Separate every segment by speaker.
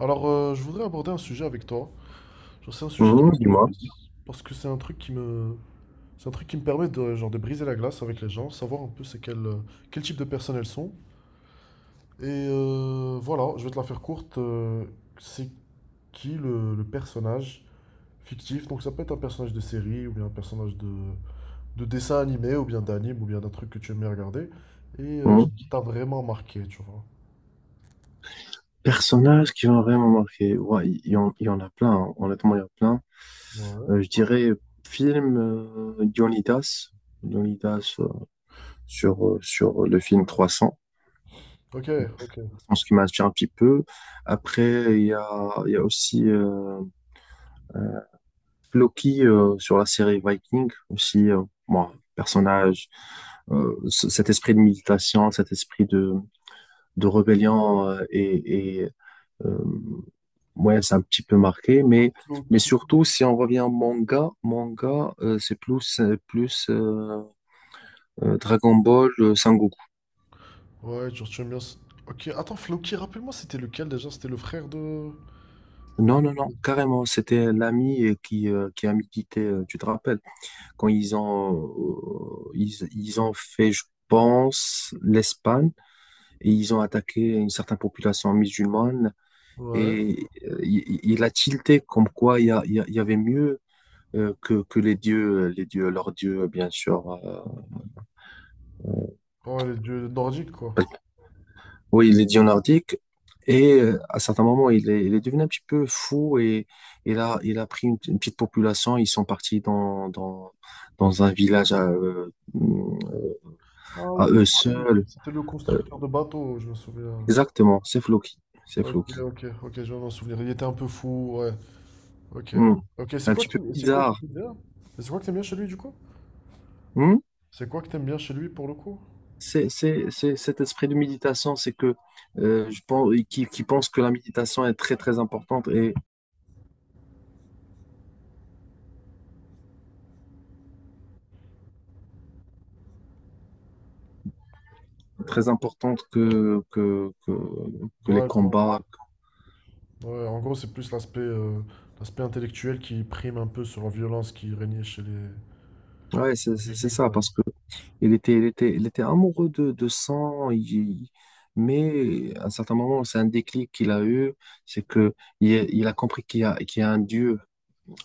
Speaker 1: Alors, je voudrais aborder un sujet avec toi. Genre, c'est un sujet qui
Speaker 2: Mhm,
Speaker 1: m'intéresse
Speaker 2: dis-moi.
Speaker 1: parce que c'est un truc qui me permet de, genre, de briser la glace avec les gens, savoir un peu quel type de personnes elles sont. Et voilà, je vais te la faire courte. C'est qui le personnage fictif? Donc, ça peut être un personnage de série ou bien un personnage de dessin animé ou bien d'anime ou bien d'un truc que tu aimes bien regarder et
Speaker 2: Mhm.
Speaker 1: qui t'a vraiment marqué, tu vois.
Speaker 2: Personnages qui m'ont vraiment marqué. Ouais, il y en a plein, hein. Honnêtement, il y en a plein.
Speaker 1: Ouais.
Speaker 2: Je dirais film Dionydas. Dionydas sur, sur le film 300.
Speaker 1: Ok, ok.
Speaker 2: Je pense qu'il m'inspire un petit peu. Après, il y a aussi euh, Loki sur la série Viking. Aussi, moi, personnage, cet esprit de méditation, cet esprit de rébellion euh, ouais, c'est un petit peu marqué, mais
Speaker 1: Donc,
Speaker 2: surtout, si on revient au manga, c'est plus Dragon Ball, Sangoku.
Speaker 1: ouais, genre tu aimes bien. Ok, attends, Floki, rappelle-moi, c'était lequel déjà? C'était le frère de.
Speaker 2: Non, carrément, c'était l'ami qui a milité, tu te rappelles, quand ils ont fait, je pense, l'Espagne, et ils ont attaqué une certaine population musulmane,
Speaker 1: Ouais.
Speaker 2: et il a tilté comme quoi il y avait mieux que les dieux, leurs dieux, bien sûr. Euh,
Speaker 1: Ouais, les dieux nordiques, quoi.
Speaker 2: Oui, il est dieu nordique et à certains moments, il est devenu un petit peu fou et il a pris une petite population. Ils sont partis dans un village
Speaker 1: Ah
Speaker 2: à
Speaker 1: oui,
Speaker 2: eux seuls.
Speaker 1: c'était le
Speaker 2: Euh,
Speaker 1: constructeur de bateaux, je me souviens.
Speaker 2: exactement, c'est Floki. C'est
Speaker 1: Ok,
Speaker 2: Floki.
Speaker 1: ok, ok, je viens de m'en souvenir. Il était un peu fou, ouais. Ok.
Speaker 2: Hmm.
Speaker 1: Ok,
Speaker 2: Un petit peu
Speaker 1: c'est quoi que
Speaker 2: bizarre.
Speaker 1: t'aimes bien? Et c'est quoi que t'aimes bien chez lui, du coup?
Speaker 2: Hmm.
Speaker 1: C'est quoi que t'aimes bien chez lui, pour le coup?
Speaker 2: C'est cet esprit de méditation, c'est que je pense, qui pense que la méditation est très très importante et très importante que les
Speaker 1: Ouais, je vois.
Speaker 2: combats.
Speaker 1: Ouais, en gros, c'est plus l'aspect intellectuel qui prime un peu sur la violence qui régnait chez les
Speaker 2: Ouais, c'est
Speaker 1: Vikings,
Speaker 2: ça,
Speaker 1: quoi.
Speaker 2: parce que il était amoureux de sang, mais à un certain moment, c'est un déclic qu'il a eu, c'est que il a compris qu'il y a un Dieu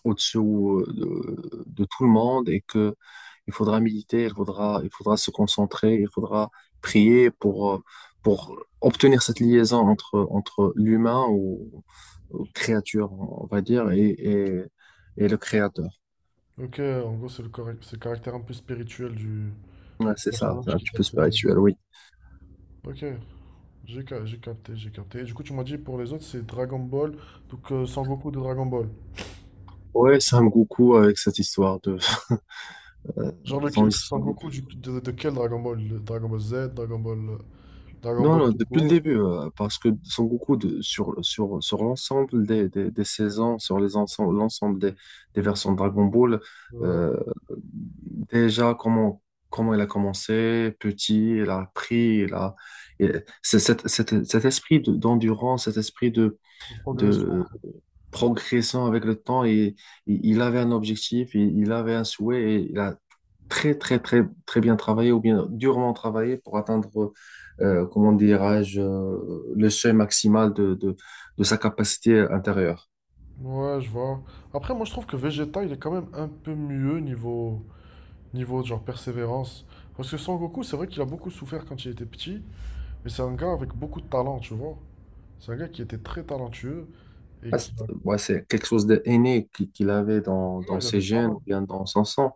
Speaker 2: au dessus de tout le monde et que il faudra se concentrer, il faudra prier pour obtenir cette liaison entre l'humain ou créature, on va dire, et le créateur.
Speaker 1: Ok, en gros, c'est le caractère un peu spirituel du
Speaker 2: Ouais, c'est ça, c'est
Speaker 1: personnage
Speaker 2: un
Speaker 1: qui
Speaker 2: petit
Speaker 1: t'a
Speaker 2: peu
Speaker 1: fait.
Speaker 2: spirituel, oui.
Speaker 1: Ok, j'ai capté, j'ai capté. Et du coup, tu m'as dit pour les autres, c'est Dragon Ball, donc Sangoku de Dragon Ball.
Speaker 2: Ouais, Sam Goku avec cette histoire de euh,
Speaker 1: Genre,
Speaker 2: son histoire de-
Speaker 1: Sangoku de quel Dragon Ball? Le Dragon Ball Z, Dragon
Speaker 2: non,
Speaker 1: Ball
Speaker 2: non,
Speaker 1: tout
Speaker 2: depuis le
Speaker 1: court,
Speaker 2: début, parce que Son Goku sur l'ensemble des saisons, sur les ensemble l'ensemble des versions de Dragon Ball,
Speaker 1: euh,
Speaker 2: euh, déjà comment il a commencé, petit, il a appris, il a et c'est cet esprit d'endurance, cet esprit
Speaker 1: la progression,
Speaker 2: de
Speaker 1: quoi.
Speaker 2: progressant avec le temps et il avait un objectif, il avait un souhait et il a très bien travaillé ou bien durement travaillé pour atteindre, comment dirais-je, le seuil maximal de sa capacité intérieure.
Speaker 1: Ouais, je vois. Après, moi, je trouve que Vegeta, il est quand même un peu mieux niveau genre persévérance. Parce que Sangoku, c'est vrai qu'il a beaucoup souffert quand il était petit. Mais c'est un gars avec beaucoup de talent, tu vois. C'est un gars qui était très talentueux et
Speaker 2: Ah, c'est ouais, c'est quelque chose d'aîné qu'il avait dans dans
Speaker 1: voilà, il
Speaker 2: ses
Speaker 1: avait pas
Speaker 2: gènes
Speaker 1: mal.
Speaker 2: ou bien dans son sang.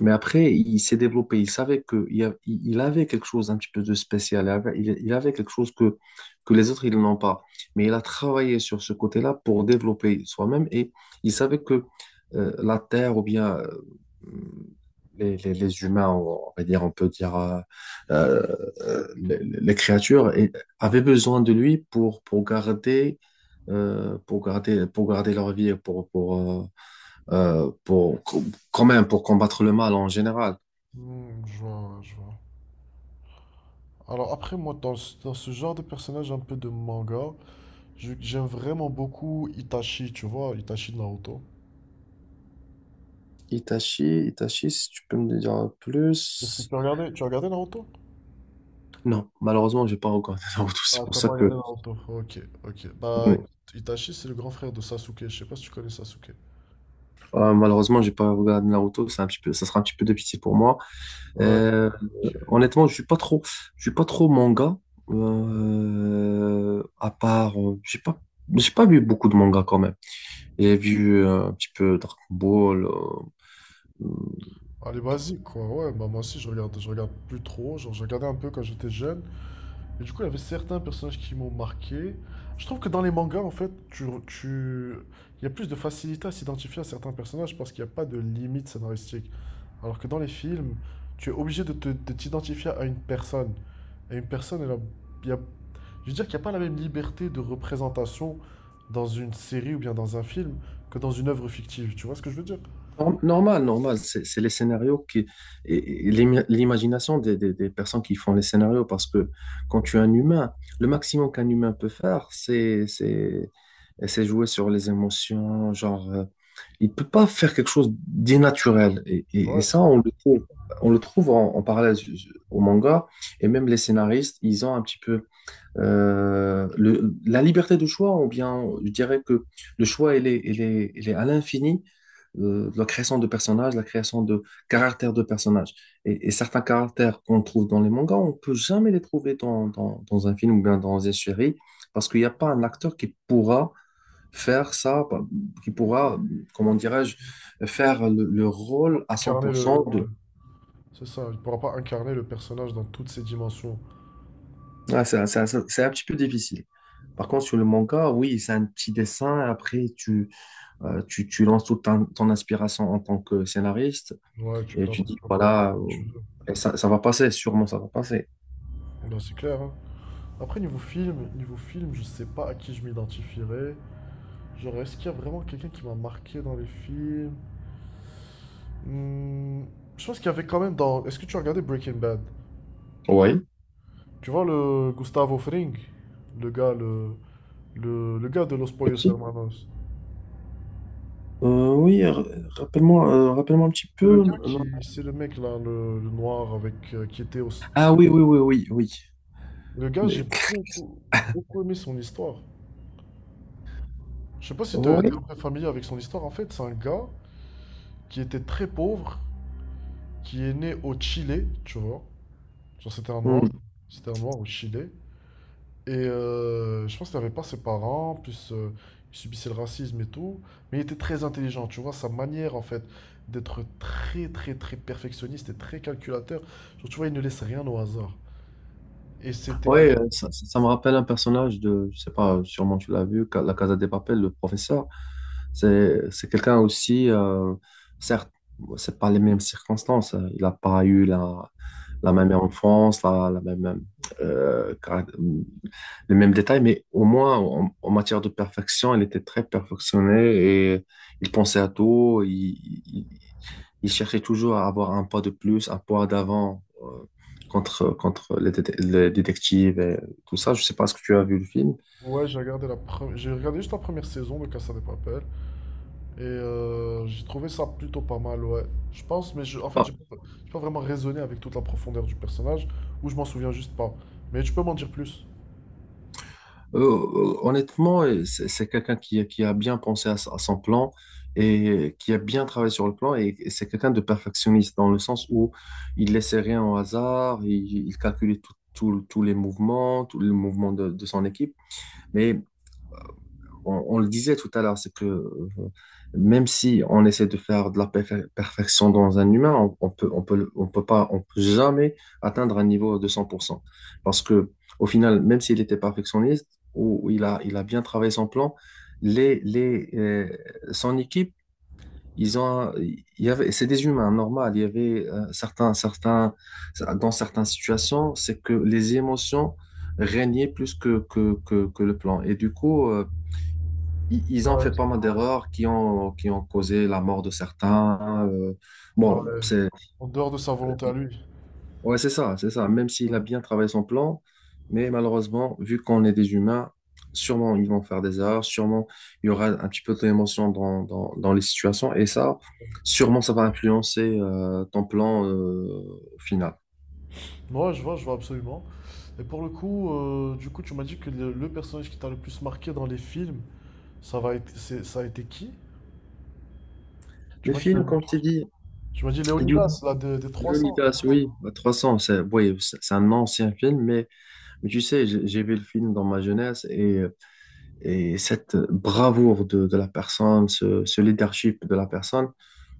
Speaker 2: Mais après, il s'est développé. Il savait que il y a- il avait quelque chose un petit peu de spécial. Il avait quelque chose que les autres, ils n'ont pas. Mais il a travaillé sur ce côté-là pour développer soi-même. Et il savait que la Terre ou bien les humains, on va dire, on peut dire euh, les créatures, avaient besoin de lui pour garder, pour garder leur vie, et pour quand même pour combattre le mal en général.
Speaker 1: Hmm, je vois, ouais, je vois. Alors après, moi, dans ce genre de personnage un peu de manga, j'aime vraiment beaucoup Itachi, tu vois, Itachi de Naruto.
Speaker 2: Itachi, Itachi, si tu peux me dire plus.
Speaker 1: Tu as regardé Naruto?
Speaker 2: Non, malheureusement, j'ai pas regardé Naruto. C'est
Speaker 1: Ah,
Speaker 2: pour
Speaker 1: tu n'as
Speaker 2: ça
Speaker 1: pas regardé
Speaker 2: que
Speaker 1: Naruto. Ok, ok. Bah,
Speaker 2: bon,
Speaker 1: écoute, Itachi, c'est le grand frère de Sasuke. Je sais pas si tu connais Sasuke.
Speaker 2: malheureusement, j'ai pas regardé Naruto. C'est un petit peu, ça sera un petit peu de pitié pour moi.
Speaker 1: Ouais,
Speaker 2: Euh,
Speaker 1: ok.
Speaker 2: honnêtement, je suis pas trop manga. À part, j'ai pas vu beaucoup de mangas quand même. J'ai vu un petit peu Dragon Ball. euh,
Speaker 1: Allez, basique, quoi. Ouais, bah moi aussi, je regarde plus trop. Genre, je regardais un peu quand j'étais jeune. Et du coup, il y avait certains personnages qui m'ont marqué. Je trouve que dans les mangas, en fait, il y a plus de facilité à s'identifier à certains personnages parce qu'il n'y a pas de limite scénaristique. Alors que dans les films, tu es obligé de t'identifier à une personne. Et une personne, elle a- il y a- je veux dire qu'il n'y a pas la même liberté de représentation dans une série ou bien dans un film que dans une œuvre fictive. Tu vois ce que je veux dire?
Speaker 2: Normal, normal, c'est les scénarios qui, l'imagination des personnes qui font les scénarios, parce que quand tu es un humain, le maximum qu'un humain peut faire, c'est jouer sur les émotions, genre, il peut pas faire quelque chose d'inaturel, et
Speaker 1: Ouais, c'est
Speaker 2: ça, on le trouve en, en parallèle au manga, et même les scénaristes, ils ont un petit peu la liberté de choix, ou bien je dirais que le choix, il est à l'infini, la création de personnages, la création de caractères de personnages. Et certains caractères qu'on trouve dans les mangas, on peut jamais les trouver dans un film ou bien dans une série, parce qu'il n'y a pas un acteur qui pourra faire ça, qui pourra, comment dirais-je, faire le
Speaker 1: pas
Speaker 2: rôle à cent
Speaker 1: incarner
Speaker 2: pour cent
Speaker 1: le ouais.
Speaker 2: de...
Speaker 1: C'est ça, il ne pourra pas incarner le personnage dans toutes ses dimensions.
Speaker 2: Ouais, c'est un petit peu difficile. Par contre, sur le manga, oui, c'est un petit dessin. Après, tu lances toute ton, ton inspiration en tant que scénariste
Speaker 1: Ouais, tu
Speaker 2: et
Speaker 1: fais
Speaker 2: tu dis,
Speaker 1: un peu comme
Speaker 2: voilà, euh,
Speaker 1: tu veux.
Speaker 2: et ça, ça va passer, sûrement ça va passer.
Speaker 1: Non, c'est clair, hein. Après, niveau film, je sais pas à qui je m'identifierais. Genre, est-ce qu'il y a vraiment quelqu'un qui m'a marqué dans les films? Hmm, je pense qu'il y avait quand même dans. Est-ce que tu as regardé Breaking Bad?
Speaker 2: Oui,
Speaker 1: Tu vois le Gustavo Fring, le gars, le, le gars de Los
Speaker 2: le
Speaker 1: Pollos
Speaker 2: petit.
Speaker 1: Hermanos.
Speaker 2: Oui, rappelle-moi, rappelle-moi un petit
Speaker 1: C'est le
Speaker 2: peu.
Speaker 1: gars
Speaker 2: Non.
Speaker 1: qui, c'est le mec là, le noir avec qui était au.
Speaker 2: Ah oui, oui, oui, oui, oui.
Speaker 1: Le gars,
Speaker 2: Mais...
Speaker 1: beaucoup aimé son histoire. Je sais pas si tu es familier avec son histoire. En fait, c'est un gars qui était très pauvre qui est né au Chili, tu vois. Genre, c'était un noir.
Speaker 2: Oui.
Speaker 1: C'était un noir au Chili. Et je pense qu'il n'avait pas ses parents, plus il subissait le racisme et tout. Mais il était très intelligent, tu vois. Sa manière, en fait, d'être très perfectionniste et très calculateur. Genre, tu vois, il ne laisse rien au hasard. Et c'était. À-
Speaker 2: Oui, ça me rappelle un personnage de, je sais pas, sûrement tu l'as vu, la Casa de Papel, le professeur. C'est quelqu'un aussi, certes, c'est pas les mêmes circonstances, hein. Il n'a pas eu la, la même enfance, la même euh, caract- les mêmes détails, mais au moins en, en matière de perfection, elle était très perfectionnée et il pensait à tout. Il- il cherchait toujours à avoir un pas de plus, un pas d'avant contre les, les détectives et tout ça. Je sais pas ce que tu as vu le film.
Speaker 1: Ouais, j'ai regardé juste la première saison de Casa de Papel. Et j'ai trouvé ça plutôt pas mal, ouais. Je pense, mais en fait,
Speaker 2: Par,
Speaker 1: j'ai pas vraiment raisonné avec toute la profondeur du personnage, ou je m'en souviens juste pas. Mais tu peux m'en dire plus.
Speaker 2: Honnêtement, c'est quelqu'un qui a bien pensé à, à son plan et qui a bien travaillé sur le plan et c'est quelqu'un de perfectionniste dans le sens où il laissait rien au hasard, il calculait tous les mouvements de son équipe. Mais on le disait tout à l'heure, c'est que même si on essaie de faire de la perfection dans un humain, on peut, le- on peut pas, on peut jamais atteindre un niveau de 100%. Parce que, au final, même s'il était perfectionniste ou, ou il a bien travaillé son plan, les, les, euh, son équipe, il y avait, c'est des humains, normal. Il y avait certains, dans certaines situations, c'est que les émotions régnaient plus que le plan. Et du coup, ils ont fait
Speaker 1: Ouais.
Speaker 2: pas mal d'erreurs qui ont causé la mort de certains.
Speaker 1: Ouais.
Speaker 2: Bon, c'est,
Speaker 1: En dehors de sa volonté à lui.
Speaker 2: ouais, c'est ça, c'est ça. Même
Speaker 1: Ouais,
Speaker 2: s'il a bien travaillé son plan, mais malheureusement, vu qu'on est des humains, sûrement ils vont faire des erreurs, sûrement il y aura un petit peu d'émotion dans les situations, et ça, sûrement ça va influencer ton plan au final.
Speaker 1: ouais, je vois absolument. Et pour le coup, tu m'as dit que le personnage qui t'a le plus marqué dans les films, ça va être, c'est- ça a été qui? Tu
Speaker 2: Les
Speaker 1: m'as dit,
Speaker 2: films, comme je t'ai dit,
Speaker 1: tu m'as dit
Speaker 2: Dune-
Speaker 1: Léonidas, là, des 300,
Speaker 2: Leonidas,
Speaker 1: exactement.
Speaker 2: oui, bah, 300, c'est oui, c'est un ancien film, mais tu sais, j'ai vu le film dans ma jeunesse et et cette bravoure de la personne, ce leadership de la personne,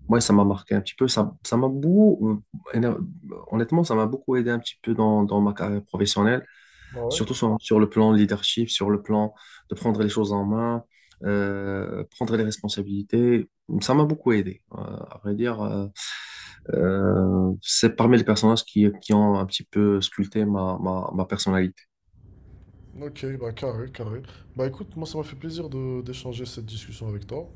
Speaker 2: moi, ça m'a marqué un petit peu. Ça m'a beaucoup, honnêtement, ça m'a beaucoup aidé un petit peu dans, dans ma carrière professionnelle,
Speaker 1: Bah
Speaker 2: surtout
Speaker 1: ouais.
Speaker 2: sur le plan leadership, sur le plan de prendre les choses en main, prendre les responsabilités. Ça m'a beaucoup aidé. C'est parmi les personnages qui ont un petit peu sculpté ma personnalité.
Speaker 1: Ok, bah carré, carré. Bah écoute, moi, ça m'a fait plaisir de d'échanger cette discussion avec toi.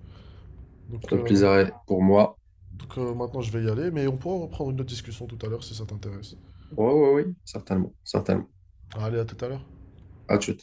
Speaker 1: Donc,
Speaker 2: Le
Speaker 1: euh,
Speaker 2: plaisir est pour moi.
Speaker 1: donc, maintenant je vais y aller, mais on pourra reprendre une autre discussion tout à l'heure si ça t'intéresse.
Speaker 2: Oui, oui, oui, certainement, certainement.
Speaker 1: Allez, à tout à l'heure.
Speaker 2: À tout